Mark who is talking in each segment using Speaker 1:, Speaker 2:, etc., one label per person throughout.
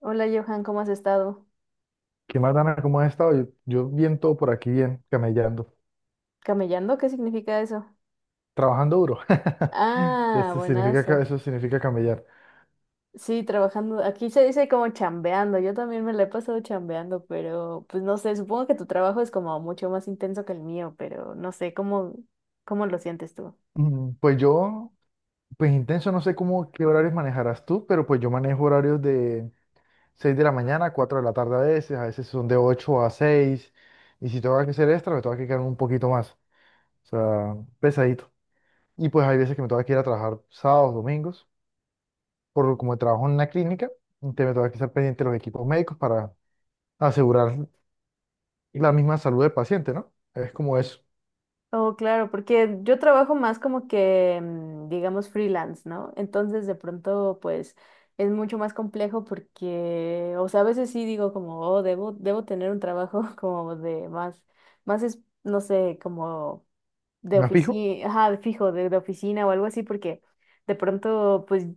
Speaker 1: Hola Johan, ¿cómo has estado?
Speaker 2: ¿Qué más, Dana? ¿Cómo has estado? Yo bien, todo por aquí, bien, camellando,
Speaker 1: ¿Camellando? ¿Qué significa eso?
Speaker 2: trabajando duro.
Speaker 1: Ah,
Speaker 2: Eso significa,
Speaker 1: buenazo.
Speaker 2: eso significa camellar.
Speaker 1: Sí, trabajando. Aquí se dice como chambeando. Yo también me la he pasado chambeando, pero pues no sé, supongo que tu trabajo es como mucho más intenso que el mío, pero no sé, ¿cómo lo sientes tú?
Speaker 2: Mm, Pues yo, pues intenso, no sé cómo, qué horarios manejarás tú, pero pues yo manejo horarios de 6 de la mañana a 4 de la tarde a veces son de 8 a seis, y si tengo que hacer extra, me tengo que quedar un poquito más, o sea, pesadito. Y pues hay veces que me tengo que ir a trabajar sábados, domingos, por como trabajo en una clínica, entonces me tengo que estar pendiente de los equipos médicos para asegurar la misma salud del paciente, ¿no? Es como eso.
Speaker 1: Oh, claro, porque yo trabajo más como que, digamos, freelance, ¿no? Entonces, de pronto, pues, es mucho más complejo porque, o sea, a veces sí digo como, oh, debo tener un trabajo como de más, más es, no sé, como de
Speaker 2: ¿Me fijo?
Speaker 1: oficina, ajá, de fijo, de oficina o algo así, porque de pronto, pues,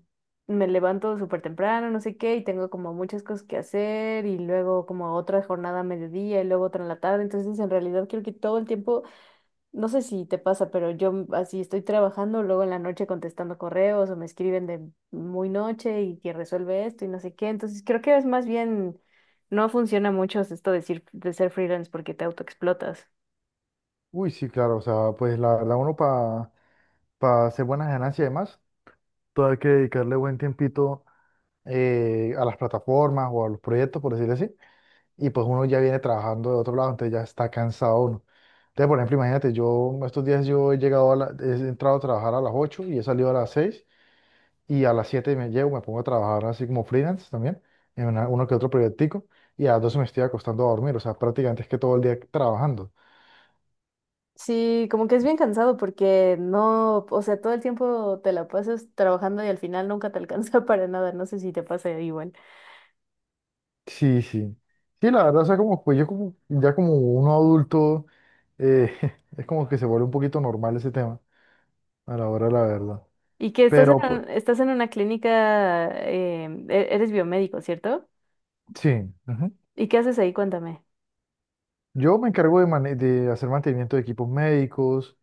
Speaker 1: me levanto súper temprano, no sé qué, y tengo como muchas cosas que hacer, y luego como otra jornada a mediodía, y luego otra en la tarde, entonces, en realidad, creo que todo el tiempo no sé si te pasa, pero yo así estoy trabajando, luego en la noche contestando correos o me escriben de muy noche y que resuelve esto y no sé qué. Entonces creo que es más bien, no funciona mucho esto de, decir, de ser freelance porque te autoexplotas.
Speaker 2: Uy, sí, claro, o sea, pues la verdad uno, para hacer buenas ganancias y demás, todo hay que dedicarle buen tiempito a las plataformas o a los proyectos, por decirlo así, y pues uno ya viene trabajando de otro lado, entonces ya está cansado uno. Entonces, por ejemplo, imagínate, yo estos días yo he entrado a trabajar a las 8 y he salido a las 6. Y a las 7 me llevo, me pongo a trabajar así como freelance también, en uno que otro proyectico, y a las 12 me estoy acostando a dormir, o sea, prácticamente es que todo el día trabajando.
Speaker 1: Sí, como que es bien cansado porque no, o sea, todo el tiempo te la pasas trabajando y al final nunca te alcanza para nada. No sé si te pasa igual.
Speaker 2: Sí, sí. Sí, la verdad, o sea, como pues yo como, ya como uno adulto, eh, es como que se vuelve un poquito normal ese tema, a la hora de la verdad.
Speaker 1: Y que estás
Speaker 2: Pero pues,
Speaker 1: en, estás en una clínica, eres biomédico, ¿cierto?
Speaker 2: sí. Ujú.
Speaker 1: ¿Y qué haces ahí? Cuéntame.
Speaker 2: Yo me encargo de, de hacer mantenimiento de equipos médicos,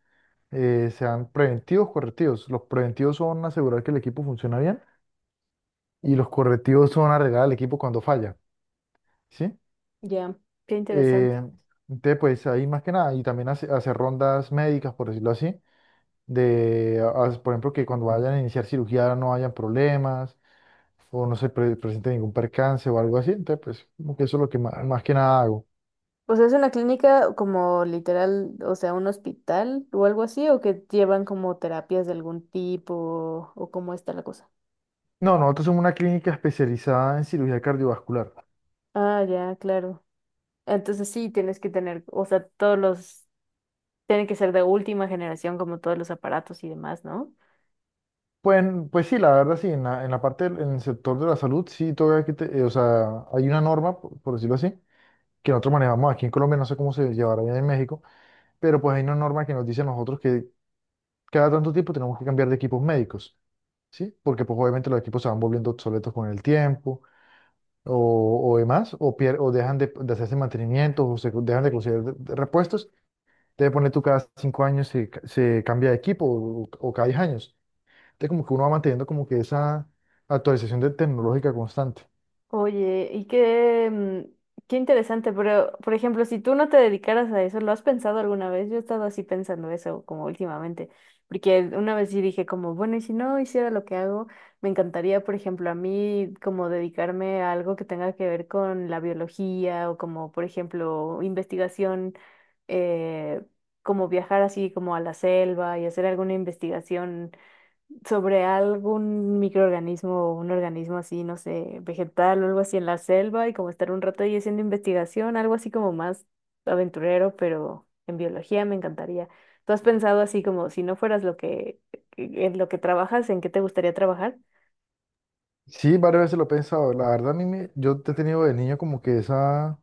Speaker 2: sean preventivos, correctivos. Los preventivos son asegurar que el equipo funciona bien y los correctivos son arreglar el equipo cuando falla. ¿Sí?
Speaker 1: Ya, qué interesante.
Speaker 2: Eh, entonces, pues ahí más que nada, y también hacer rondas médicas, por decirlo así, de, por ejemplo, que cuando vayan a iniciar cirugía no hayan problemas o no se presente ningún percance o algo así, entonces, pues, como que eso es lo que más que nada hago.
Speaker 1: O sea, es una clínica como literal, o sea, un hospital o algo así, o que llevan como terapias de algún tipo, o cómo está la cosa.
Speaker 2: No, nosotros somos una clínica especializada en cirugía cardiovascular.
Speaker 1: Ah, ya, claro. Entonces sí, tienes que tener, o sea, todos los, tienen que ser de última generación como todos los aparatos y demás, ¿no?
Speaker 2: Pues, pues sí, la verdad sí, en en la parte, en el sector de la salud, sí, todavía que o sea, hay una norma, por decirlo así, que nosotros manejamos aquí en Colombia, no sé cómo se llevará bien en México, pero pues hay una norma que nos dice a nosotros que cada tanto tiempo tenemos que cambiar de equipos médicos, ¿sí? Porque pues obviamente los equipos se van volviendo obsoletos con el tiempo o demás, o, o dejan de hacerse mantenimientos o se dejan de conseguir de repuestos. Entonces ponle tú cada cinco años se cambia de equipo o cada diez años. Entonces como que uno va manteniendo como que esa actualización de tecnológica constante.
Speaker 1: Oye, y qué, qué interesante, pero por ejemplo, si tú no te dedicaras a eso, ¿lo has pensado alguna vez? Yo he estado así pensando eso como últimamente, porque una vez sí dije como, bueno, y si no hiciera lo que hago, me encantaría, por ejemplo, a mí como dedicarme a algo que tenga que ver con la biología o como, por ejemplo, investigación, eh, como viajar así como a la selva y hacer alguna investigación sobre algún microorganismo o un organismo así, no sé, vegetal o algo así en la selva y como estar un rato ahí haciendo investigación, algo así como más aventurero, pero en biología me encantaría. ¿Tú has pensado así como si no fueras lo que, en lo que trabajas, en qué te gustaría trabajar?
Speaker 2: Sí, varias veces lo he pensado. La verdad, a yo he tenido de niño como que esa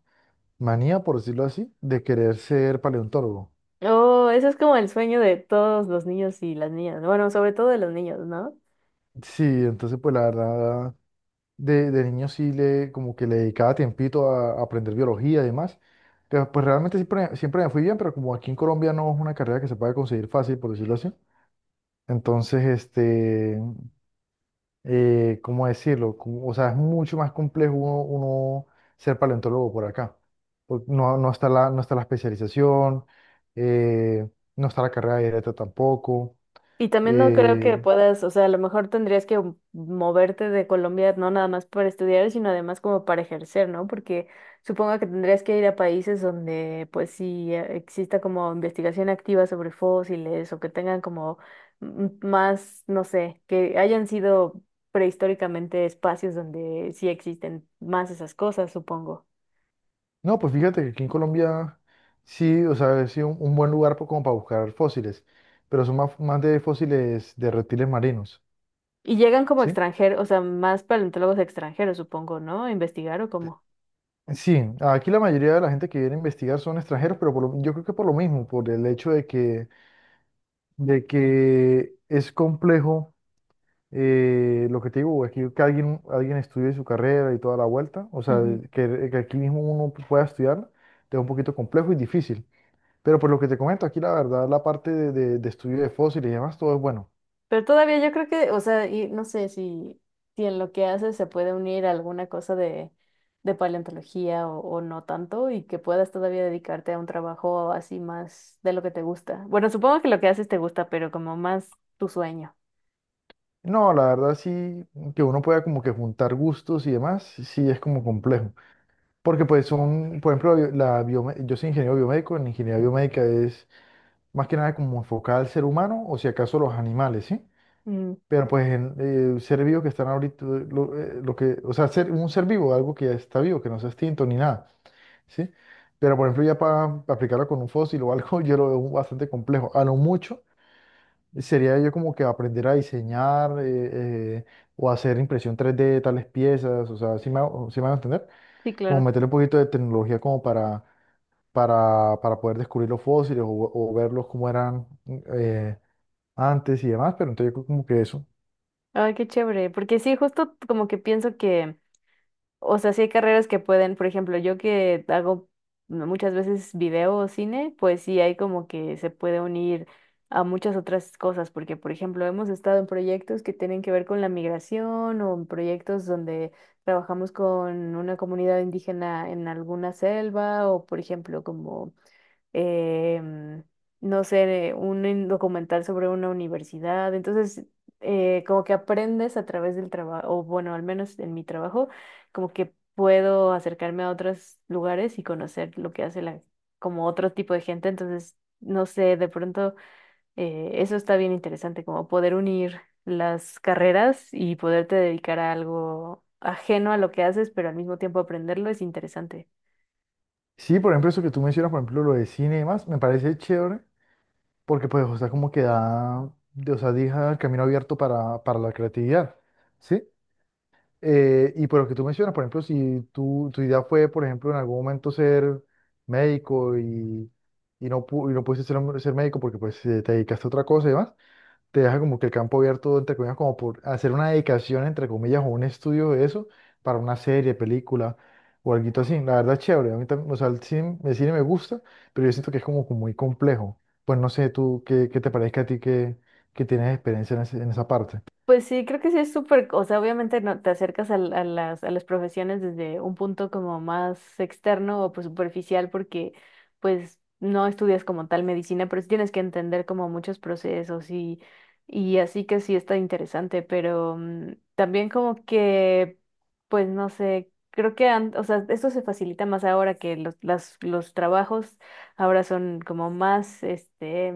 Speaker 2: manía, por decirlo así, de querer ser paleontólogo.
Speaker 1: Oh, eso es como el sueño de todos los niños y las niñas, bueno, sobre todo de los niños, ¿no?
Speaker 2: Sí, entonces pues la verdad, de niño sí le, como que le dedicaba tiempito a aprender biología y demás. Pero pues realmente siempre me fui bien, pero como aquí en Colombia no es una carrera que se pueda conseguir fácil, por decirlo así. Entonces, este, ¿cómo decirlo? Como- o sea, es mucho más complejo uno ser paleontólogo por acá. Porque no está no está la especialización, eh, no está la carrera directa tampoco.
Speaker 1: Y también no creo que
Speaker 2: eh,
Speaker 1: puedas, o sea, a lo mejor tendrías que moverte de Colombia, no nada más para estudiar, sino además como para ejercer, ¿no? Porque supongo que tendrías que ir a países donde pues sí exista como investigación activa sobre fósiles o que tengan como más, no sé, que hayan sido prehistóricamente espacios donde sí existen más esas cosas, supongo.
Speaker 2: No, pues fíjate que aquí en Colombia sí, o sea, es sí un buen lugar como para buscar fósiles, pero son más de fósiles de reptiles marinos,
Speaker 1: Y llegan como
Speaker 2: ¿sí?
Speaker 1: extranjeros, o sea, más paleontólogos extranjeros, supongo, ¿no? A investigar o cómo.
Speaker 2: Sí, aquí la mayoría de la gente que viene a investigar son extranjeros, pero yo creo que por lo mismo, por el hecho de que es complejo, lo que te digo, aquí que alguien estudie su carrera y toda la vuelta, o sea, que aquí mismo uno pueda estudiar, es un poquito complejo y difícil. Pero por lo que te comento, aquí la verdad, la parte de estudio de fósiles y demás, todo es bueno.
Speaker 1: Pero todavía yo creo que, o sea, y no sé si en lo que hace se puede unir alguna cosa de paleontología o no tanto y que puedas todavía dedicarte a un trabajo así más de lo que te gusta. Bueno, supongo que lo que haces te gusta, pero como más tu sueño.
Speaker 2: No, la verdad sí, que uno pueda como que juntar gustos y demás, sí es como complejo. Porque pues son, por ejemplo, la, bio- la biome- yo soy ingeniero biomédico, en ingeniería biomédica es más que nada como enfocada al ser humano o si acaso los animales, ¿sí?
Speaker 1: Mm,
Speaker 2: Pero pues en, ser vivo que están ahorita, o sea, ser, un ser vivo, algo que ya está vivo, que no sea extinto ni nada, ¿sí? Pero por ejemplo ya para aplicarlo con un fósil o algo, yo lo veo bastante complejo. A lo mucho. Sería yo como que aprender a diseñar o hacer impresión 3D de tales piezas, o sea, si me, sí me van a entender?
Speaker 1: sí,
Speaker 2: Como
Speaker 1: claro.
Speaker 2: meterle un poquito de tecnología como para poder descubrir los fósiles o verlos como eran eh, antes y demás, pero entonces yo creo como que eso.
Speaker 1: Ay, qué chévere, porque sí, justo como que pienso que, O sea, sí hay carreras que pueden, por ejemplo, yo que hago muchas veces video o cine, pues sí hay como que se puede unir a muchas otras cosas, porque por ejemplo hemos estado en proyectos que tienen que ver con la migración o en proyectos donde trabajamos con una comunidad indígena en alguna selva o por ejemplo como em, no sé, un documental sobre una universidad. Entonces, como que aprendes a través del trabajo, o bueno, al menos en mi trabajo, como que puedo acercarme a otros lugares y conocer lo que hace la, como otro tipo de gente. Entonces, no sé, de pronto eso está bien interesante, como poder unir las carreras y poderte dedicar a algo ajeno a lo que haces, pero al mismo tiempo aprenderlo es interesante.
Speaker 2: Sí, por ejemplo, eso que tú mencionas, por ejemplo, lo de cine y demás, me parece chévere porque pues, o sea, como que da, de- o sea, deja el camino abierto para la creatividad, ¿sí? Y por lo que tú mencionas, por ejemplo, si tu idea fue, por ejemplo, en algún momento ser médico y no, y no pudiste ser, ser médico porque pues te dedicaste a otra cosa y demás, te deja como que el campo abierto, entre comillas, como por hacer una dedicación, entre comillas, o un estudio de eso para una serie, película o algo así. La verdad es chévere, a mí también, o sea, el cine me gusta, pero yo siento que es como, como muy complejo. Pues no sé, tú, qué te parezca a ti que tienes experiencia en, en esa parte?
Speaker 1: Pues sí, creo que sí es súper, o sea, obviamente no te acercas a las profesiones desde un punto como más externo o pues superficial porque pues no estudias como tal medicina, pero sí tienes que entender como muchos procesos y así que sí está interesante, pero también como que, pues no sé, creo que, o sea, esto se facilita más ahora que los trabajos ahora son como más, este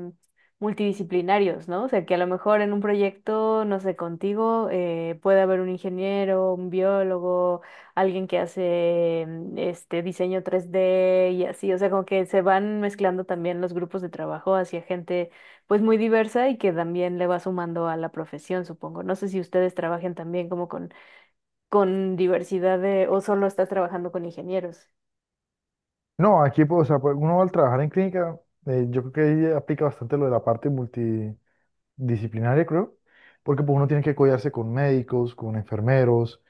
Speaker 1: multidisciplinarios, ¿no? O sea, que a lo mejor en un proyecto, no sé, contigo, puede haber un ingeniero, un biólogo, alguien que hace este diseño 3D y así, o sea, como que se van mezclando también los grupos de trabajo hacia gente pues muy diversa y que también le va sumando a la profesión, supongo. No sé si ustedes trabajen también como con diversidad de, o solo estás trabajando con ingenieros.
Speaker 2: No, aquí pues, o sea, pues, uno al trabajar en clínica, yo creo que ahí aplica bastante lo de la parte multidisciplinaria, creo, porque pues, uno tiene que codearse con médicos, con enfermeros,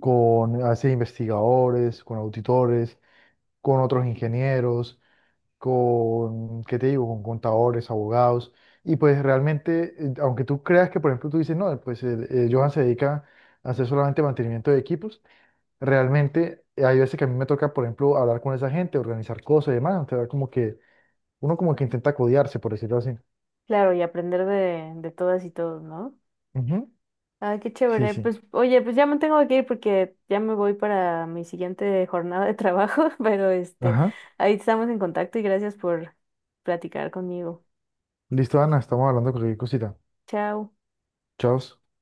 Speaker 2: con a veces investigadores, con auditores, con otros ingenieros, con, ¿qué te digo?, con contadores, abogados, y pues realmente, aunque tú creas que, por ejemplo, tú dices, no, pues el, Johan se dedica a hacer solamente mantenimiento de equipos, realmente hay veces que a mí me toca, por ejemplo, hablar con esa gente, organizar cosas y demás, entonces como que uno como que intenta codearse, por decirlo así.
Speaker 1: Claro, y aprender de todas y todos, ¿no?
Speaker 2: Ujú.
Speaker 1: Ah, qué
Speaker 2: Sí,
Speaker 1: chévere.
Speaker 2: sí.
Speaker 1: Pues, oye, pues ya me tengo que ir porque ya me voy para mi siguiente jornada de trabajo, pero este,
Speaker 2: Ajá.
Speaker 1: ahí estamos en contacto y gracias por platicar conmigo.
Speaker 2: Listo, Ana, estamos hablando de cualquier cosita.
Speaker 1: Chao.
Speaker 2: Chao.